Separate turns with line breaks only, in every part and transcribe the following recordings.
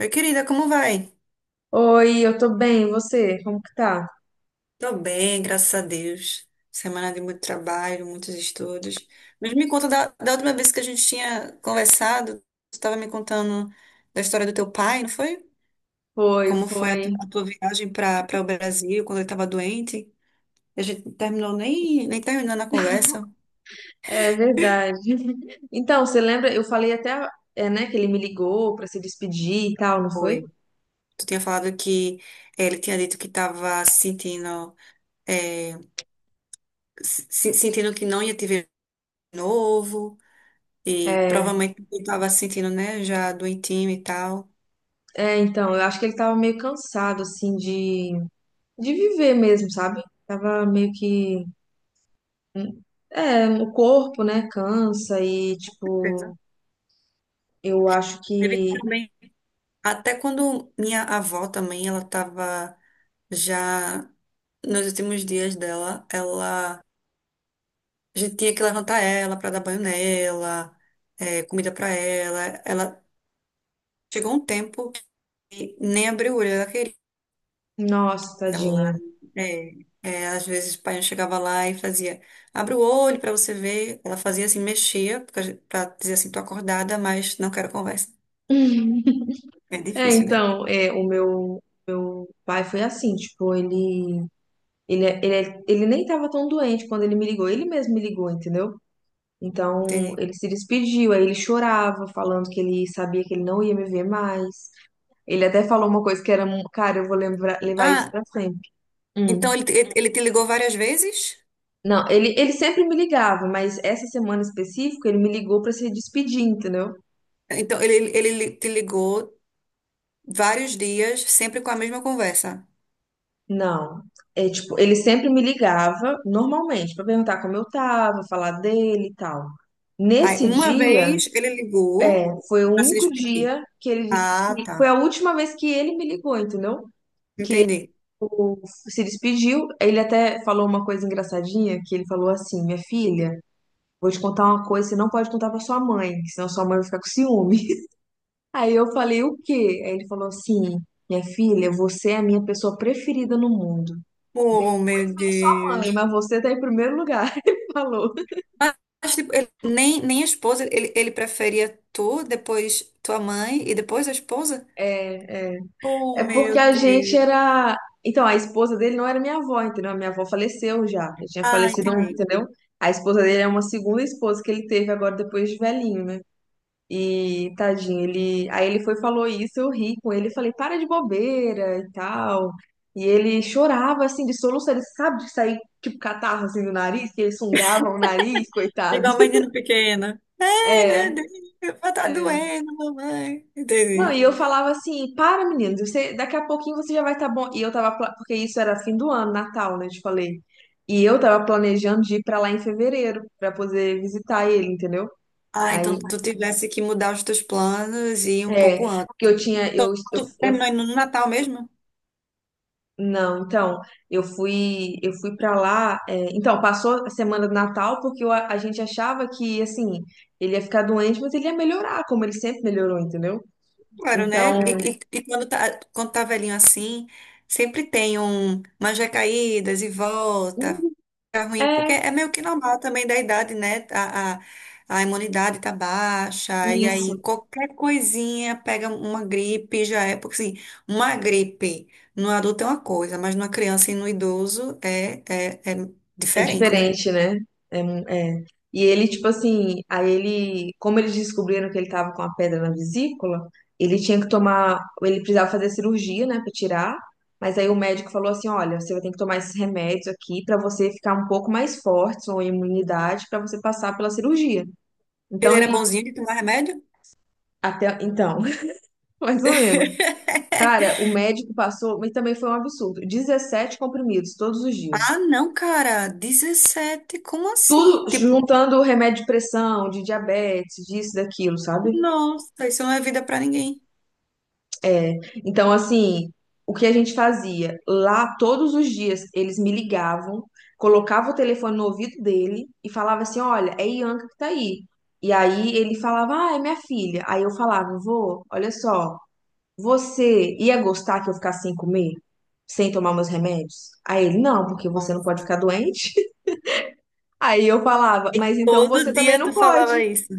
Oi, querida, como vai?
Oi, eu tô bem, e você? Como que tá?
Tô bem, graças a Deus. Semana de muito trabalho, muitos estudos. Mas me conta da última vez que a gente tinha conversado, tu estava me contando da história do teu pai, não foi?
Foi,
Como foi a, tu-
foi.
a tua viagem para o Brasil quando ele estava doente? A gente não terminou nem terminando a conversa.
É verdade. Então, você lembra? Eu falei até, é, né, que ele me ligou pra se despedir e tal, não foi?
Foi. Tu tinha falado que ele tinha dito que estava sentindo eh, sentindo que não ia te ver de novo. E
É,
provavelmente ele estava se sentindo, né, já doentinho e tal.
é, então, eu acho que ele tava meio cansado, assim, de viver mesmo, sabe? Tava meio que. hum, É, o corpo, né, cansa e,
Certeza.
tipo, eu acho
Teve
que.
também. Até quando minha avó também, ela estava já nos últimos dias dela, ela a gente tinha que levantar ela para dar banho nela, comida para ela. Ela chegou um tempo que nem a brulha ela queria.
Nossa,
Ela,
tadinha.
é, às vezes o pai chegava lá e fazia, abre o olho para você ver. Ela fazia assim, mexia para dizer assim, tô acordada, mas não quero conversa. É
É,
difícil, né?
então, é, o meu pai foi assim, tipo, ele. Ele nem estava tão doente quando ele me ligou, ele mesmo me ligou, entendeu? Então
Entendi.
ele se despediu, aí ele chorava, falando que ele sabia que ele não ia me ver mais. Ele até falou uma coisa que era, cara, eu vou lembrar, levar isso
Ah,
pra sempre.
então
Hum.
ele, ele te ligou várias vezes?
Não, ele sempre me ligava, mas essa semana específica ele me ligou pra se despedir, entendeu?
Então ele te ligou vários dias, sempre com a mesma conversa.
Não. É tipo, ele sempre me ligava normalmente pra perguntar como eu tava, falar dele e tal.
Aí
Nesse
uma
dia,
vez ele
é,
ligou
foi o
para se
único
despedir.
dia que ele.
Ah, tá.
Foi a última vez que ele me ligou, entendeu?
Entendi.
Se despediu. Ele até falou uma coisa engraçadinha, que ele falou assim: Minha filha, vou te contar uma coisa, você não pode contar pra sua mãe, que senão sua mãe vai ficar com ciúme. Aí eu falei: O quê? Aí ele falou assim: Minha filha, você é a minha pessoa preferida no mundo.
Oh,
Pois
meu
bem, sua mãe,
Deus.
mas você tá em primeiro lugar. Ele falou.
Mas, tipo, nem a esposa, ele preferia tu, depois tua mãe e depois a esposa?
É.
Oh,
É porque
meu
a gente
Deus.
era. Então, a esposa dele não era minha avó, entendeu? A minha avó faleceu já. Já tinha
Ah,
falecido,
entendi.
entendeu? A esposa dele é uma segunda esposa que ele teve agora depois de velhinho, né? E tadinho, ele. Aí ele foi e falou isso, eu ri com ele, falei, para de bobeira e tal. E ele chorava assim de soluço, ele sabe de sair tipo catarro assim do nariz, que eles sungavam o nariz, coitado.
Igual menino pequeno. Ai, meu
É.
Deus, meu pé tá
É.
doendo, mamãe.
Não, e
Entendi.
eu falava assim, para, meninos, você, daqui a pouquinho você já vai estar bom. E eu tava, porque isso era fim do ano, Natal, né? Eu te falei. E eu tava planejando de ir pra lá em fevereiro, pra poder visitar ele, entendeu?
Ah,
Aí,
então tu tivesse que mudar os teus planos e ir um
é,
pouco antes.
porque eu tinha,
Então, tu terminou indo no Natal mesmo?
não, então, eu fui pra lá, é, então, passou a semana do Natal, porque eu a gente achava que, assim, ele ia ficar doente, mas ele ia melhorar, como ele sempre melhorou, entendeu?
Claro, né? E,
Então,
e, e quando tá velhinho assim, sempre tem umas recaídas e volta, ficar ruim, porque
é,
é meio que normal também da idade, né? A imunidade tá baixa, e aí
isso.
qualquer coisinha pega uma gripe, já é, porque assim, uma gripe no adulto é uma coisa, mas numa criança e no idoso é
É
diferente, né?
diferente, né? É, é. E ele, tipo assim, aí ele, como eles descobriram que ele tava com a pedra na vesícula, ele tinha que tomar, ele precisava fazer cirurgia, né, pra tirar. Mas aí o médico falou assim, olha, você vai ter que tomar esses remédios aqui pra você ficar um pouco mais forte, sua imunidade, pra você passar pela cirurgia.
Ele
Então
era
ele
bonzinho de tomar remédio?
até então, mais ou menos. Cara, o médico passou, mas também foi um absurdo. 17 comprimidos todos os dias.
Ah, não, cara, 17 como assim?
Tudo
Tipo,
juntando o remédio de pressão, de diabetes, disso, daquilo, sabe?
nossa, isso não é vida pra ninguém.
É, então, assim, o que a gente fazia? Lá, todos os dias, eles me ligavam, colocava o telefone no ouvido dele e falava assim: Olha, é Ianca que tá aí. E aí ele falava: Ah, é minha filha. Aí eu falava: Vô, olha só, você ia gostar que eu ficasse sem comer? Sem tomar meus remédios? Aí ele: Não, porque você não pode
Nossa.
ficar doente. Aí eu falava:
E
Mas então você
todo
também
dia
não
tu
pode.
falava isso.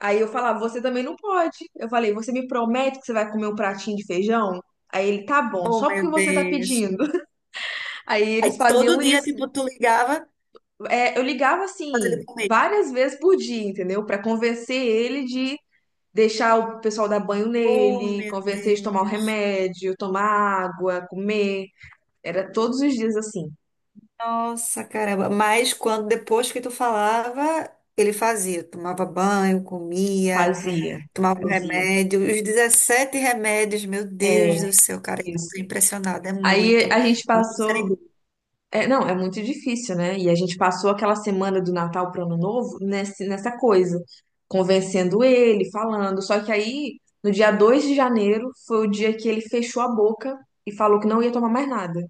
Aí eu falava, você também não pode. Eu falei, você me promete que você vai comer um pratinho de feijão? Aí ele, tá bom,
Oh,
só
meu
porque você tá
Deus.
pedindo. Aí eles
Aí todo
faziam
dia,
isso.
tipo, tu ligava
É, eu ligava
pra ele
assim,
comer.
várias vezes por dia, entendeu? Pra convencer ele de deixar o pessoal dar banho
Oh,
nele,
meu
convencer ele de tomar o
Deus.
remédio, tomar água, comer. Era todos os dias assim.
Nossa, caramba. Mas quando depois que tu falava, ele fazia, tomava banho, comia,
Fazia,
tomava um
fazia.
remédio, os 17 remédios, meu Deus
É,
do céu, cara, eu tô
isso.
impressionada, é
Aí
muito.
a gente
Meu Deus, era
passou.
igual.
É, não, é muito difícil, né? E a gente passou aquela semana do Natal para o Ano Novo nesse, nessa coisa, convencendo ele, falando. Só que aí, no dia 2 de janeiro, foi o dia que ele fechou a boca e falou que não ia tomar mais nada,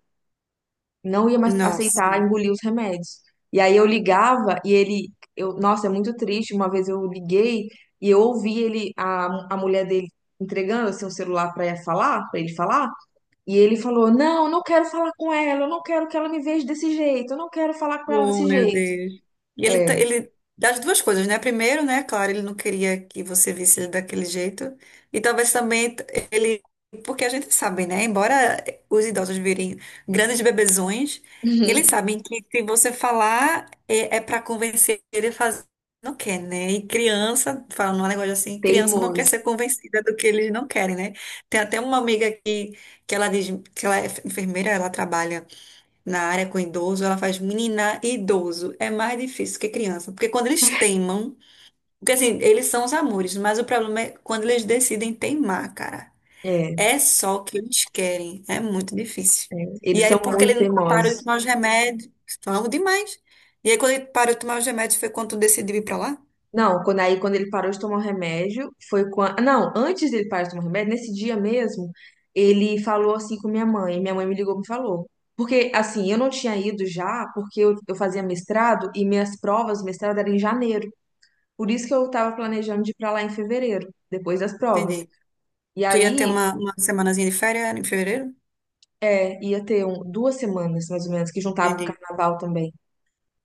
não ia mais aceitar
Nossa.
engolir os remédios. E aí eu ligava e ele, eu, nossa, é muito triste. Uma vez eu liguei e eu ouvi ele, a mulher dele entregando assim, o celular para falar, para ele falar. E ele falou: Não, eu não quero falar com ela, eu não quero que ela me veja desse jeito, eu não quero falar com ela
Oh,
desse
meu
jeito.
Deus. E ele,
É,
ele das duas coisas, né? Primeiro, né? Claro, ele não queria que você visse ele daquele jeito. E talvez também ele, porque a gente sabe, né? Embora os idosos virem grandes bebezões, eles
uhum,
sabem que se você falar é para convencer ele a fazer, não quer, né? E criança, falando um negócio assim, criança não quer ser
teimoso.
convencida do que eles não querem, né? Tem até uma amiga que ela diz que ela é enfermeira, ela trabalha na área com idoso, ela faz menina e idoso. É mais difícil que criança, porque quando eles teimam, porque assim, eles são os amores, mas o problema é quando eles decidem teimar, cara.
É,
É só o que eles querem, é muito difícil. E
eles
aí,
são
porque
muito
ele parou de
teimosos.
tomar os remédios, falamos demais. E aí, quando ele parou de tomar os remédios, foi quando tu decidiu ir pra lá?
Não, quando aí quando ele parou de tomar o remédio, foi quando. Não, antes dele parar de tomar o remédio, nesse dia mesmo, ele falou assim com minha mãe. Minha mãe me ligou e me falou. Porque, assim, eu não tinha ido já, porque eu fazia mestrado e minhas provas do mestrado eram em janeiro. Por isso que eu estava planejando de ir para lá em fevereiro, depois das
Entendi.
provas. E
Tu ia ter
aí
uma semanazinha de férias em fevereiro?
é, ia ter 2 semanas, mais ou menos, que juntava com o
Entendi.
carnaval também.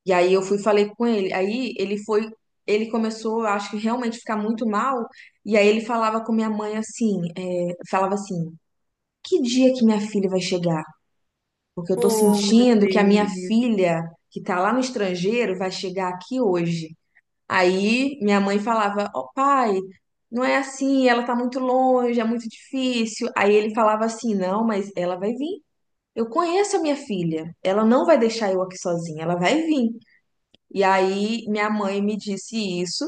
E aí eu fui e falei com ele. Aí ele foi, ele começou, eu acho que realmente ficar muito mal. E aí ele falava com minha mãe assim, é, falava assim, que dia que minha filha vai chegar? Porque eu tô
Oh, meu
sentindo que a minha
Deus.
filha, que tá lá no estrangeiro, vai chegar aqui hoje. Aí minha mãe falava, ó pai, não é assim, ela tá muito longe, é muito difícil. Aí ele falava assim, não, mas ela vai vir. Eu conheço a minha filha, ela não vai deixar eu aqui sozinha, ela vai vir. E aí minha mãe me disse isso,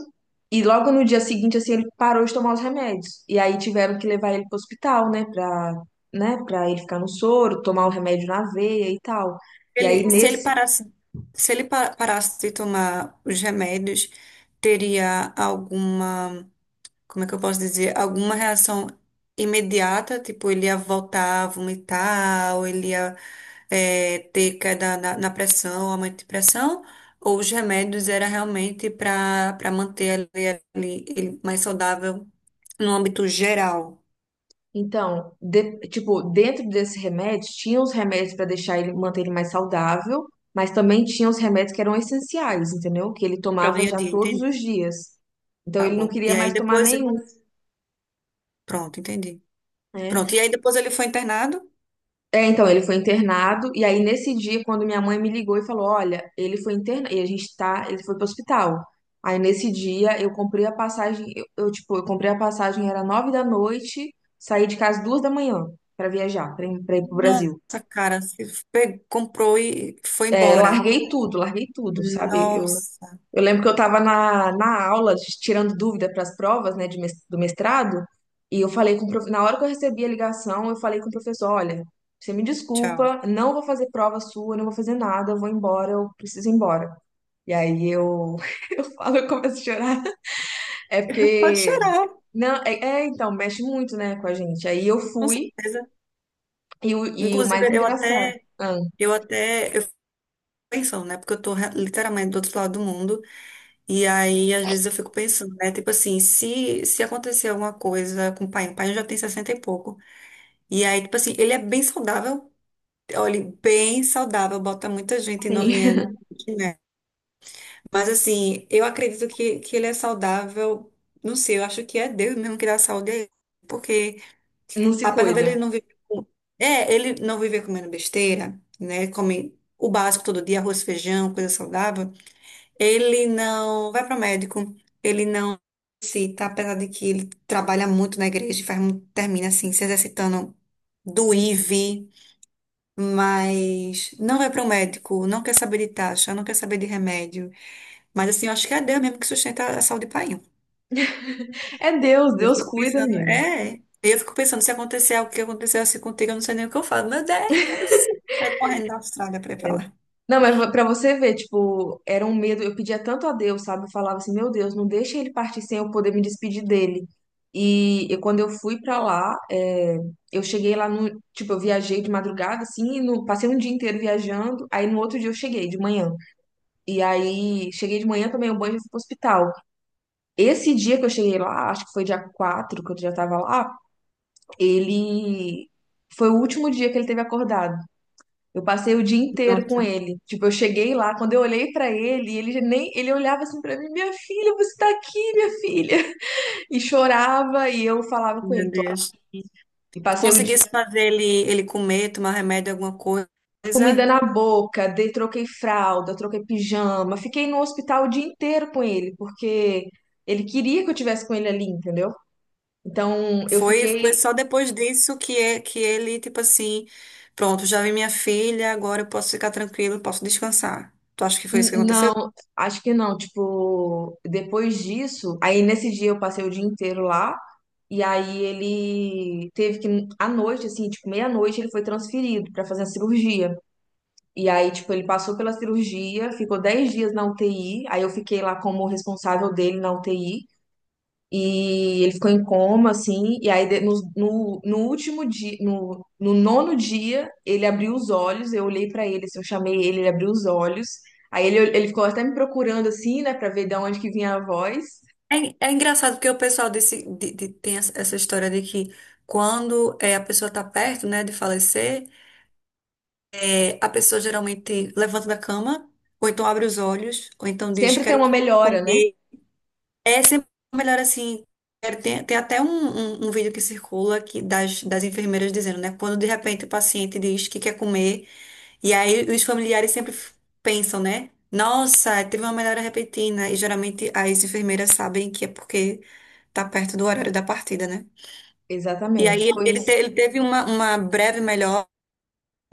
e logo no dia seguinte, assim, ele parou de tomar os remédios. E aí tiveram que levar ele pro hospital, né, pra ele ficar no soro, tomar o remédio na veia e tal. E aí
Ele, se ele
nesse,
parasse, se ele pa- parasse de tomar os remédios, teria alguma, como é que eu posso dizer, alguma reação imediata, tipo, ele ia voltar a vomitar, ou ele ia ter queda na pressão, aumento de pressão, ou os remédios era realmente para manter ele mais saudável no âmbito geral,
então, tipo, dentro desse remédio, tinha os remédios pra deixar ele, manter ele mais saudável, mas também tinha os remédios que eram essenciais, entendeu? Que ele
para o
tomava
dia a
já
dia,
todos
entendi?
os dias. Então
Tá
ele não
bom.
queria
E aí
mais tomar
depois,
nenhum,
pronto, entendi. Pronto,
né?
e aí depois ele foi internado?
É, então, ele foi internado, e aí nesse dia, quando minha mãe me ligou e falou, olha, ele foi internado, e a gente tá, ele foi pro hospital. Aí nesse dia, eu comprei a passagem, tipo, eu comprei a passagem, era 9 da noite, saí de casa 2 da manhã pra viajar, pra ir pro
Nossa,
Brasil.
cara, você comprou e foi
É,
embora.
larguei tudo, sabe? Eu
Nossa,
Eu lembro que eu estava na aula, tirando dúvida para as provas, né, do mestrado, e eu falei com o na hora que eu recebi a ligação, eu falei com o professor, olha, você me
tchau.
desculpa, não vou fazer prova sua, não vou fazer nada, eu vou embora, eu preciso ir embora. E aí eu, eu falo, eu começo a chorar. É
Pode
porque,
chorar,
não, é, então, mexe muito, né, com a gente. Aí eu
com
fui,
certeza.
e o mais
Inclusive,
engraçado, ah,
eu fico pensando, né? Porque eu tô literalmente do outro lado do mundo. E aí, às vezes, eu fico pensando, né? Tipo assim, se acontecer alguma coisa com o pai já tem 60 e pouco. E aí, tipo assim, ele é bem saudável. Olha, bem saudável, bota muita gente novinha,
sim,
né? Mas assim, eu acredito que ele é saudável. Não sei, eu acho que é Deus mesmo que dá saúde a ele. Porque
não se
apesar dele
cuida.
não viver com... É, ele não viver comendo besteira, né? Ele come o básico todo dia, arroz, feijão, coisa saudável. Ele não vai para o médico. Ele não se tá, apesar de que ele trabalha muito na igreja, e faz, termina assim, se exercitando do IV, mas não vai para o médico, não quer saber de taxa, não quer saber de remédio. Mas assim, eu acho que é a Deus mesmo que sustenta a saúde do painho.
É Deus,
Eu
Deus
fico
cuida,
pensando,
amigo.
Eu fico pensando, se acontecer algo que aconteceu assim contigo, eu não sei nem o que eu falo. Meu Deus, vai correndo da Austrália pra ir pra lá.
Não, mas pra você ver, tipo, era um medo. Eu pedia tanto a Deus, sabe? Eu falava assim, meu Deus, não deixa ele partir sem eu poder me despedir dele. E quando eu fui pra lá, é, eu cheguei lá no, tipo, eu viajei de madrugada, assim, passei um dia inteiro viajando. Aí no outro dia eu cheguei de manhã. E aí cheguei de manhã, tomei um banho e fui pro hospital. Esse dia que eu cheguei lá, acho que foi dia 4 que eu já tava lá, ele foi o último dia que ele teve acordado. Eu passei o dia inteiro com
Nossa,
ele. Tipo, eu cheguei lá, quando eu olhei pra ele, ele já nem ele olhava assim pra mim, minha filha, você tá aqui, minha filha. E chorava e eu falava com ele,
meu
tô
Deus.
aqui. E
Tu
passei o
conseguisse
dia
fazer ele comer, tomar remédio, alguma coisa.
com comida na boca, dei, troquei fralda, troquei pijama, fiquei no hospital o dia inteiro com ele, porque ele queria que eu tivesse com ele ali, entendeu? Então, eu
Foi
fiquei.
só depois disso que ele, tipo assim, pronto, já vi minha filha, agora eu posso ficar tranquilo, posso descansar. Tu acha que foi isso que aconteceu?
Não, acho que não. Tipo, depois disso, aí nesse dia eu passei o dia inteiro lá. E aí ele teve que, à noite, assim, tipo, meia-noite, ele foi transferido pra fazer a cirurgia. E aí, tipo, ele passou pela cirurgia, ficou 10 dias na UTI, aí eu fiquei lá como responsável dele na UTI. E ele ficou em coma, assim, e aí no último dia, no nono dia, ele abriu os olhos, eu olhei pra ele, assim, eu chamei ele, ele abriu os olhos. Aí ele, ficou até me procurando, assim, né, pra ver de onde que vinha a voz.
É engraçado porque o pessoal tem essa história de que quando a pessoa está perto, né, de falecer, a pessoa geralmente levanta da cama, ou então abre os olhos, ou então diz,
Sempre tem
quero
uma melhora, né?
comer, é sempre melhor assim. Tem até um vídeo que circula que, das enfermeiras dizendo, né? Quando de repente o paciente diz que quer comer, e aí os familiares sempre pensam, né? Nossa, teve uma melhora repentina. E geralmente as enfermeiras sabem que é porque tá perto do horário da partida, né? E aí
Exatamente,
ele,
foi
ele,
isso.
te- ele teve uma breve melhora,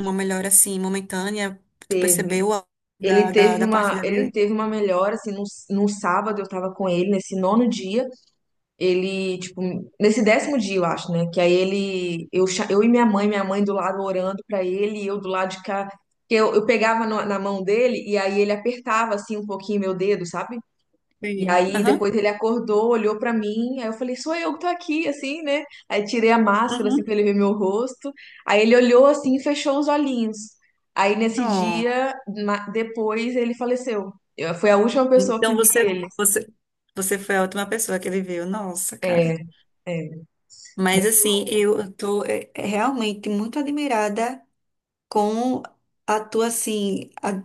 uma melhora assim, momentânea. Tu percebeu a,
Ele
da, da,
teve
da
uma,
partida
ele
dele?
teve uma melhora, assim, no sábado eu tava com ele, nesse nono dia, ele, tipo, nesse 10º dia, eu acho, né, que aí ele, eu, eu e minha mãe do lado orando pra ele, e eu do lado de cá, que eu pegava na mão dele, e aí ele apertava, assim, um pouquinho meu dedo, sabe? E
Sim.
aí
Aham.
depois ele acordou, olhou pra mim, aí eu falei, sou eu que tô aqui, assim, né? Aí tirei a máscara, assim, pra
Uhum.
ele ver meu rosto. Aí ele olhou assim e fechou os olhinhos. Aí nesse
Oh.
dia, depois ele faleceu. Eu, foi a última pessoa que
Então
vi
você,
ele.
você, você foi a última pessoa que ele viu. Nossa,
É,
cara.
é.
Mas assim, eu tô realmente muito admirada com a tua, assim,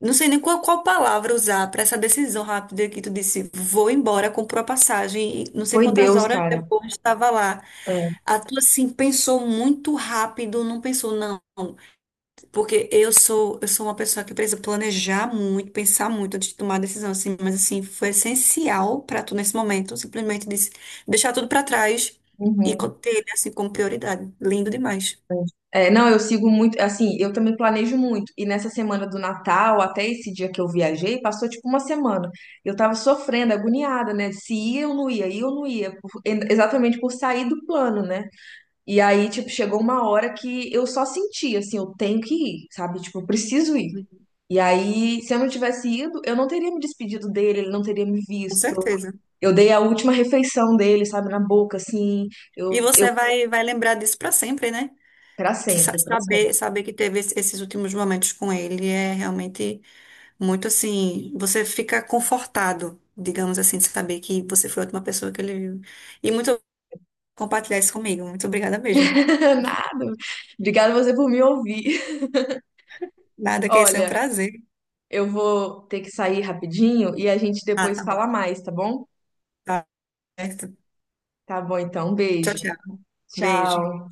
não sei nem qual palavra usar para essa decisão rápida que tu disse, vou embora, comprou a passagem, e não sei
Foi
quantas
Deus,
horas
cara.
depois estava lá.
É.
A tua, assim, pensou muito rápido, não pensou, não. Porque eu sou uma pessoa que precisa planejar muito, pensar muito antes de tomar a decisão, assim, mas assim, foi essencial para tu nesse momento, simplesmente disse, deixar tudo para trás e
Uhum.
ter ele assim como prioridade. Lindo demais,
É, não, eu sigo muito, assim, eu também planejo muito. E nessa semana do Natal, até esse dia que eu viajei, passou tipo uma semana. Eu tava sofrendo, agoniada, né? Se ia ou não ia, ia ou não ia, exatamente por sair do plano, né? E aí, tipo, chegou uma hora que eu só senti, assim, eu tenho que ir, sabe? Tipo, eu preciso ir. E aí, se eu não tivesse ido, eu não teria me despedido dele, ele não teria me
com
visto.
certeza.
Eu dei a última refeição dele, sabe, na boca, assim,
E
eu, eu,
você vai lembrar disso para sempre, né?
pra
Sa-
sempre, pra
Saber,
sempre.
saber que teve esses últimos momentos com ele é realmente muito assim, você fica confortado, digamos assim, de saber que você foi a última pessoa que ele viu. E muito compartilhar isso comigo. Muito obrigada mesmo.
Nada. Obrigada você por me ouvir.
Nada que esse é um
Olha,
prazer.
eu vou ter que sair rapidinho e a gente
Ah,
depois
tá bom.
fala mais, tá bom?
Tá certo.
Tá bom, então. Um
Tchau,
beijo.
tchau. Beijo.
Tchau.